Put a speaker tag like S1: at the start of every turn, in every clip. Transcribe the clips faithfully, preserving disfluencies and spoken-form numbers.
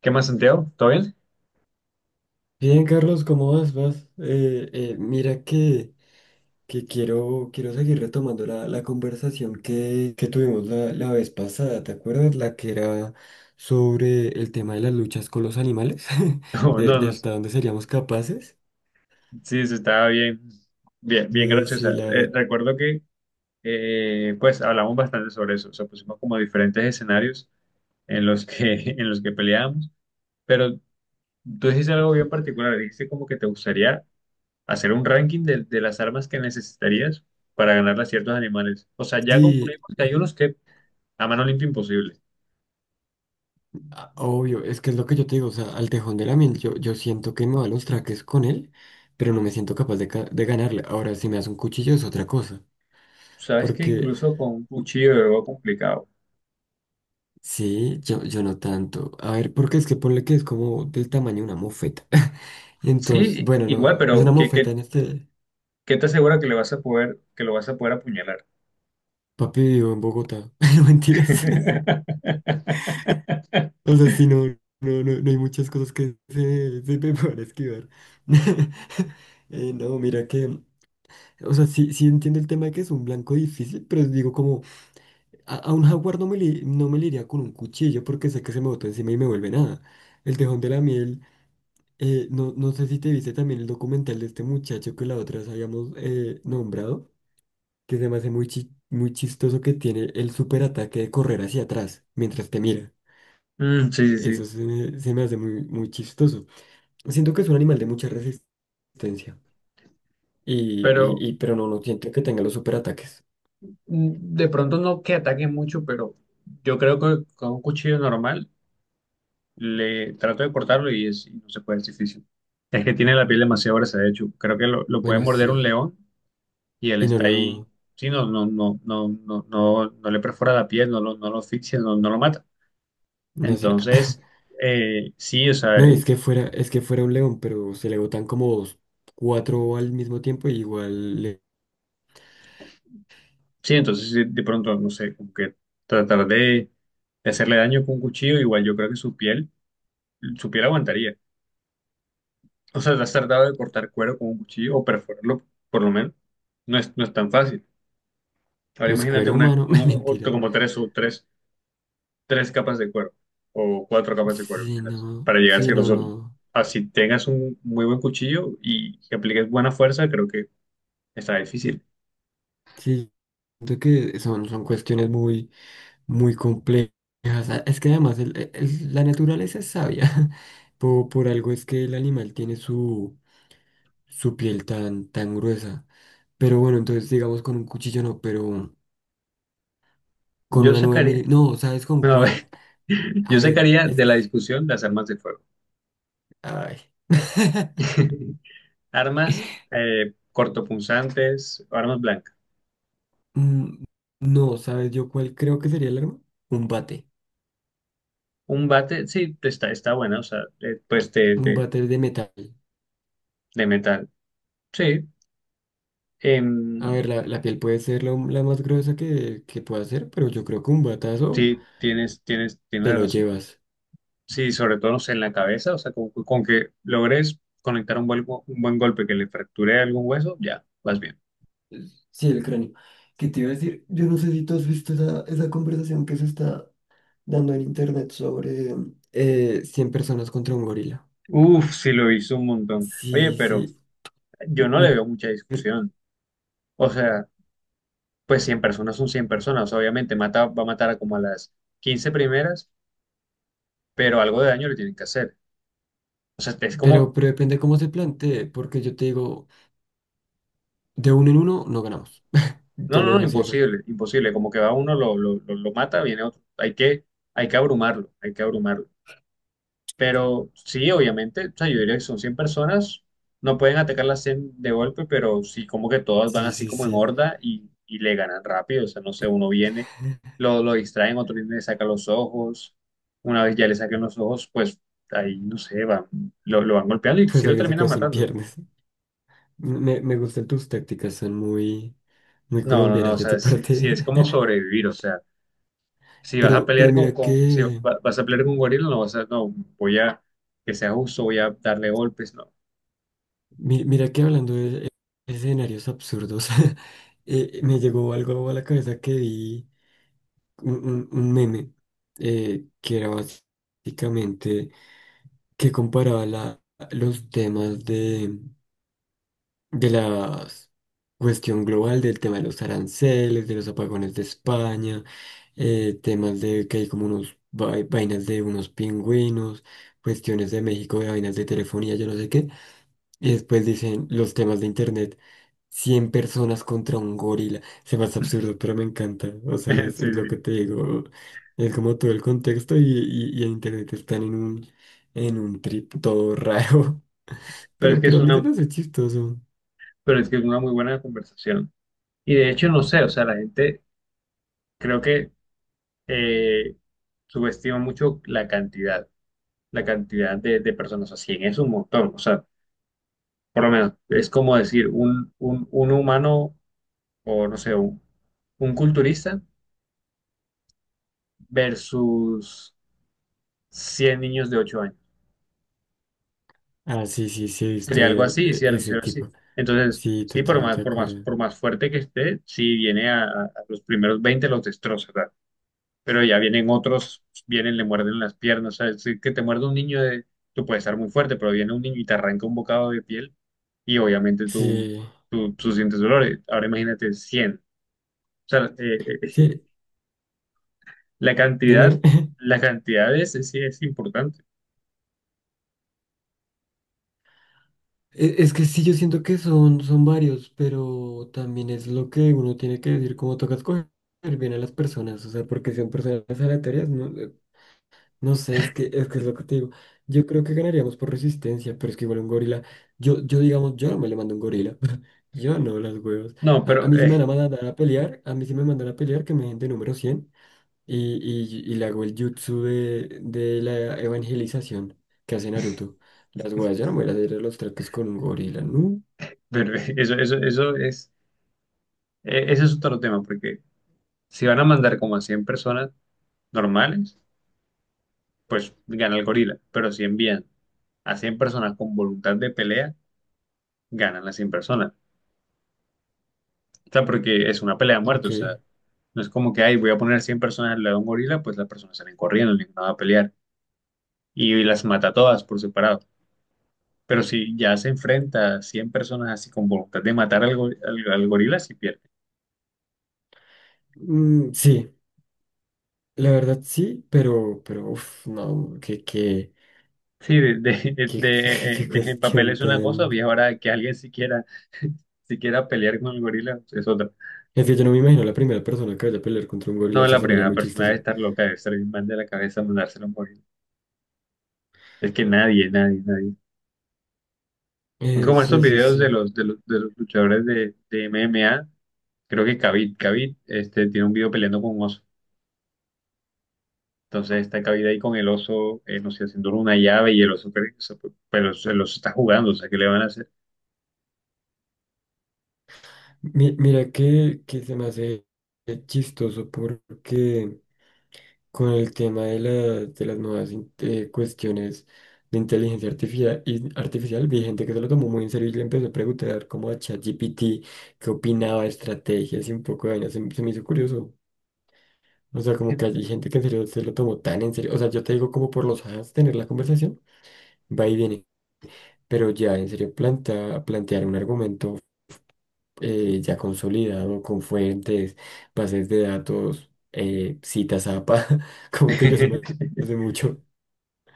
S1: ¿Qué más, Santiago? ¿Todo bien?
S2: Bien, Carlos, ¿cómo vas? ¿Vas? Eh, eh, mira que, que quiero, quiero seguir retomando la, la conversación que, que tuvimos la, la vez pasada, ¿te acuerdas? La que era sobre el tema de las luchas con los animales,
S1: No,
S2: de, de
S1: no, sí,
S2: hasta dónde seríamos capaces.
S1: sí, estaba bien, bien, bien
S2: Y sí,
S1: graciosa.
S2: la
S1: Eh,
S2: verdad,
S1: recuerdo que, eh, pues, hablamos bastante sobre eso. O sea, pusimos como diferentes escenarios en los que, en los que peleábamos. Pero tú dijiste algo bien particular. Dijiste como que te gustaría hacer un ranking de, de las armas que necesitarías para ganarle a ciertos animales. O sea, ya
S2: sí,
S1: concluimos que hay unos que a mano limpia imposible.
S2: a- obvio, es que es lo que yo te digo, o sea, al tejón de la miel, yo, yo siento que me va a los traques con él, pero no me siento capaz de, ca- de ganarle. Ahora, si me das un cuchillo es otra cosa.
S1: Sabes que
S2: Porque
S1: incluso con un cuchillo es algo complicado.
S2: sí, yo, yo no tanto. A ver, porque es que ponle que es como del tamaño de una mofeta. Entonces,
S1: Sí,
S2: bueno,
S1: igual,
S2: no, es
S1: pero
S2: una
S1: ¿qué,
S2: mofeta
S1: qué,
S2: en este.
S1: ¿Qué te asegura que le vas a poder, que lo vas a poder apuñalar?
S2: Papi vivo en Bogotá. No, mentiras. O sea, sí, no, no, no, no hay muchas cosas que se, se me puedan esquivar. Eh, no, mira que. O sea, sí, sí entiendo el tema de que es un blanco difícil, pero digo como a, a un jaguar no me, li- no me le iría con un cuchillo porque sé que se me bota encima y me vuelve nada. El tejón de la miel. Eh, no, no sé si te viste también el documental de este muchacho que la otra vez habíamos eh, nombrado, que se me hace muy, chi- muy chistoso que tiene el superataque de correr hacia atrás mientras te mira.
S1: Mm, sí, sí,
S2: Eso
S1: sí.
S2: se me, se me hace muy, muy chistoso. Siento que es un animal de mucha resistencia, y,
S1: Pero
S2: y, y- pero no, no siento que tenga los superataques.
S1: mm, de pronto no que ataque mucho, pero yo creo que con un cuchillo normal le trato de cortarlo y, es, y no se puede, es difícil. Es que tiene la piel demasiado gruesa, de hecho. Creo que lo, lo puede
S2: Bueno,
S1: morder un
S2: sí,
S1: león y él
S2: y no
S1: está ahí.
S2: lo,
S1: Sí, no, no, no, no, no, no, no le perfora la piel, no lo, no lo asfixia, no, no lo mata.
S2: no hace nada.
S1: Entonces, eh, sí, o sea,
S2: No, y es que fuera, es que fuera un león, pero se le botan como dos- cuatro al mismo tiempo y igual, le-
S1: sí, entonces sí, de pronto, no sé, como que tratar de, de hacerle daño con un cuchillo, igual yo creo que su piel, su piel aguantaría. O sea, ¿te has tratado de cortar cuero con un cuchillo o perforarlo, por lo menos? No es, no es tan fácil. Ahora
S2: pues
S1: imagínate
S2: cuero
S1: una,
S2: humano,
S1: uno-
S2: mentira.
S1: otro- como tres o tres, tres capas de cuero o cuatro capas de cuero,
S2: Sí,
S1: imagínate,
S2: no,
S1: para llegar a
S2: sí,
S1: ese
S2: no,
S1: grosor.
S2: no.
S1: Así tengas un muy buen cuchillo y que apliques buena fuerza, creo que está difícil.
S2: Sí, siento que son, son cuestiones muy, muy complejas. Ah, es que además el- el- el- la naturaleza es sabia. Por, por algo es que el animal tiene su, su piel tan, tan gruesa. Pero bueno, entonces digamos con un cuchillo no, pero con
S1: Yo
S2: una nueve
S1: sacaría,
S2: mil... No, ¿sabes con
S1: no, a
S2: cuál?
S1: ver,
S2: A
S1: yo
S2: ver,
S1: sacaría
S2: es
S1: de la
S2: que...
S1: discusión las armas de fuego.
S2: Ay.
S1: Armas eh, cortopunzantes, armas blancas.
S2: Mm, no, ¿sabes yo cuál creo que sería el arma? Un bate.
S1: Un bate, sí, está, está buena, o sea, eh, pues de,
S2: Un
S1: de,
S2: bate de metal.
S1: de metal. Sí, em,
S2: A ver, la, la piel puede ser lo- la más gruesa que, que pueda ser, pero yo creo que un batazo
S1: sí, tienes, tienes,
S2: te
S1: tienes
S2: lo
S1: razón.
S2: llevas.
S1: Sí, sobre todo, no sé, en la cabeza, o sea, con, con que logres conectar un buen, un buen golpe que le fracture algún hueso, ya, vas bien.
S2: Sí, el cráneo. ¿Qué te iba a decir? Yo no sé si tú has visto esa, esa conversación que se está dando en internet sobre... Eh, cien personas contra un gorila.
S1: Uf, sí lo hizo un montón. Oye,
S2: Sí,
S1: pero
S2: sí.
S1: yo no le
S2: Mi-
S1: veo mucha
S2: per-
S1: discusión. O sea, pues cien personas son cien personas. O sea, obviamente, mata, va a matar a como a las quince primeras, pero algo de daño le tienen que hacer. O sea, es
S2: pero,
S1: como,
S2: pero depende cómo se plantee, porque yo te digo, de uno en uno no ganamos. Te
S1: no,
S2: lo
S1: no, no,
S2: dejo así de fácil.
S1: imposible, imposible, como que va uno, lo, lo, lo, lo mata, viene otro. Hay que, hay que abrumarlo, hay que abrumarlo. Pero sí, obviamente, o sea, yo diría que son cien personas, no pueden atacar las cien de golpe, pero sí como que todas van
S2: Sí,
S1: así
S2: sí,
S1: como en
S2: sí.
S1: horda y, y le ganan rápido, o sea, no sé, uno viene, lo, lo distraen, otro viene, le saca los ojos, una vez ya le saquen los ojos, pues ahí, no sé, van, lo, lo van golpeando y sí
S2: Pues
S1: lo
S2: alguien se
S1: terminan
S2: quedó sin
S1: matando.
S2: piernas. Me, me gustan tus tácticas, son muy, muy
S1: No, no, no,
S2: colombianas
S1: o
S2: de
S1: sea,
S2: tu
S1: si, si es
S2: parte.
S1: como sobrevivir, o sea, si vas a
S2: Pero,
S1: pelear
S2: pero
S1: con,
S2: mira
S1: con si
S2: que,
S1: va- vas a pelear con un gorila, no vas a, no, voy a, que sea justo, voy a darle golpes, no.
S2: mi- mira que hablando de escenarios absurdos, eh, me llegó algo a la cabeza que vi un, un- un meme eh, que era básicamente que comparaba la- los temas de la cuestión global del tema de los aranceles, de los apagones de España, eh, temas de que hay como unos vai- vainas de unos pingüinos, cuestiones de México, de vainas de telefonía, yo no sé qué. Y después dicen los temas de internet. Cien personas contra un gorila. Se me hace absurdo, pero me encanta. O sea,
S1: Sí,
S2: es,
S1: sí.
S2: es lo que te digo. Es como todo el contexto y, y, y en internet están en un, en un trip todo raro.
S1: Pero es
S2: Pero,
S1: que
S2: pero
S1: es
S2: a mí se me
S1: una,
S2: hace chistoso.
S1: pero es que es una muy buena conversación. Y de hecho, no sé, o sea, la gente creo que eh, subestima mucho la cantidad, la cantidad de, de personas, o sea, cien es un montón, o sea, por lo menos es como decir un, un, un humano o no sé, un, un culturista versus cien niños de ocho años.
S2: Ah, sí, sí, sí, he visto
S1: Sería algo
S2: e-
S1: así,
S2: e-
S1: ¿cierto?
S2: ese
S1: ¿Cierto? Así.
S2: tipo.
S1: Entonces,
S2: Sí,
S1: sí, por más,
S2: totalmente de
S1: por más,
S2: acuerdo.
S1: por más fuerte que esté, si viene a, a- los primeros veinte los destroza, ¿verdad? Pero ya vienen otros, vienen, le muerden las piernas, ¿sabes? Si que te muerde un niño, de, tú puedes estar muy fuerte, pero viene un niño y te arranca un bocado de piel y obviamente tú,
S2: Sí,
S1: tú, tú sientes dolores. Ahora imagínate cien. O sea, eh, eh,
S2: sí,
S1: la cantidad,
S2: dime.
S1: la cantidad es, sí es importante.
S2: E- Es que sí, yo siento que son, son varios, pero también es lo que uno tiene que decir, como toca escoger bien a las personas, o sea, porque son personas aleatorias, no, eh, no sé, es que, es que es lo que te digo. Yo creo que ganaríamos por resistencia, pero es que igual un gorila, yo, yo digamos, yo no me le mando a un gorila, yo no, las huevas.
S1: No,
S2: A, a
S1: pero,
S2: mí si me van
S1: eh,
S2: a mandar a pelear, a mí si me mandan a pelear, que me den de número cien. Y, y, y le hago el jutsu de, de la evangelización que hace Naruto. Las weas, yo no me voy a hacer los traques con un gorila, ¿no?
S1: pero eso, eso, eso es Eh, ese es otro tema, porque si van a mandar como a cien personas normales, pues gana el gorila. Pero si envían a cien personas con voluntad de pelea, ganan las cien personas. O sea, porque es una pelea a muerte. O
S2: Ok.
S1: sea, no es como que, ay, voy a poner cien personas al lado de un gorila, pues las personas salen corriendo, ninguna va a pelear. Y las mata a todas por separado. Pero si ya se enfrenta a cien personas así con voluntad de matar al, go- al al gorila, si
S2: Mm, sí, la verdad sí, pero, pero, uff, no, qué, qué,
S1: Sí, de, de, de-
S2: qué,
S1: de- eh,
S2: qué
S1: en papel
S2: cuestión
S1: es una cosa, y
S2: tan.
S1: ahora que alguien siquiera, siquiera pelear con el gorila es otra.
S2: Es que yo no me imagino la primera persona que vaya a pelear contra un gorila,
S1: No,
S2: o sea,
S1: la
S2: se me haría
S1: primera
S2: muy
S1: persona
S2: chistoso.
S1: debe estar loca, debe estar bien mal de la cabeza mandárselo a un gorila. Es que nadie, nadie, nadie. Es
S2: Eh,
S1: como estos
S2: sí, sí,
S1: videos de
S2: sí.
S1: los, de los, de los luchadores de, de M M A. Creo que Khabib, Khabib, este, tiene un video peleando con un oso. Entonces está Khabib ahí con el oso, eh, no sé, haciendo una llave y el oso, pero el oso está jugando, o sea, ¿qué le van a hacer?
S2: Mi- mira que, que se me hace chistoso porque. Con el tema de, la- de las nuevas in- eh, cuestiones de inteligencia artificial, artificial, vi gente que se lo tomó muy en serio y le empezó a preguntar como a ChatGPT qué opinaba, estrategias y un poco de vainas. Se, se me hizo curioso. O sea, como que hay gente que en serio se lo tomó tan en serio. O sea, yo te digo como por los ajas tener la conversación, va y viene. Pero ya en serio planta, plantear un argumento eh, ya consolidado con fuentes, bases de datos, eh, citas A P A, como que ya se me hace mucho.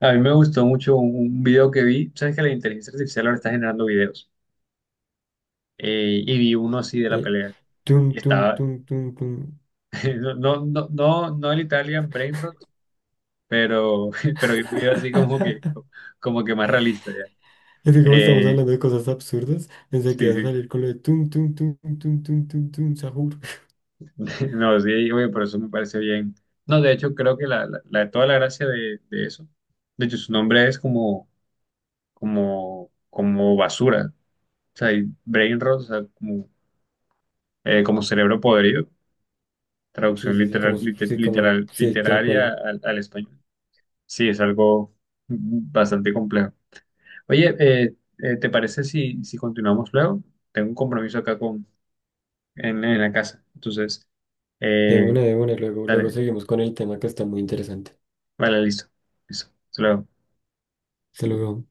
S1: A mí me gustó mucho un un video que vi. Sabes que la inteligencia artificial ahora está generando videos. Eh, y vi uno así de la
S2: eh,
S1: pelea. Y
S2: Tum, tum,
S1: estaba,
S2: tum, tum, tum.
S1: no, no, no, no no el Italian Brainrot, pero, pero vi un video así como que, como que más realista ya.
S2: Es que como estamos
S1: Eh,
S2: hablando de cosas absurdas, pensé que
S1: sí,
S2: ibas a
S1: sí.
S2: salir con lo de tum, tum, tum, tum, tum, tum, tum, sahur.
S1: No, sí, oye, por eso me parece bien. No, de hecho, creo que la, la, la- toda la gracia de, de eso, de hecho, su nombre es como, como, como basura. O sea, y brain Rot, o sea, como, eh, como cerebro podrido.
S2: Sí,
S1: Traducción
S2: sí, sí,
S1: literal,
S2: como,
S1: lite-
S2: sí, como,
S1: literal,
S2: sí, tal
S1: literaria
S2: cual.
S1: al, al español. Sí, es algo bastante complejo. Oye, eh, eh, ¿te parece si, si continuamos luego? Tengo un compromiso acá con, en, en la casa. Entonces,
S2: De
S1: eh,
S2: una, de una, luego, luego
S1: dale,
S2: seguimos con el tema que está muy interesante.
S1: vale, listo. Listo. Hasta luego.
S2: Se lo luego.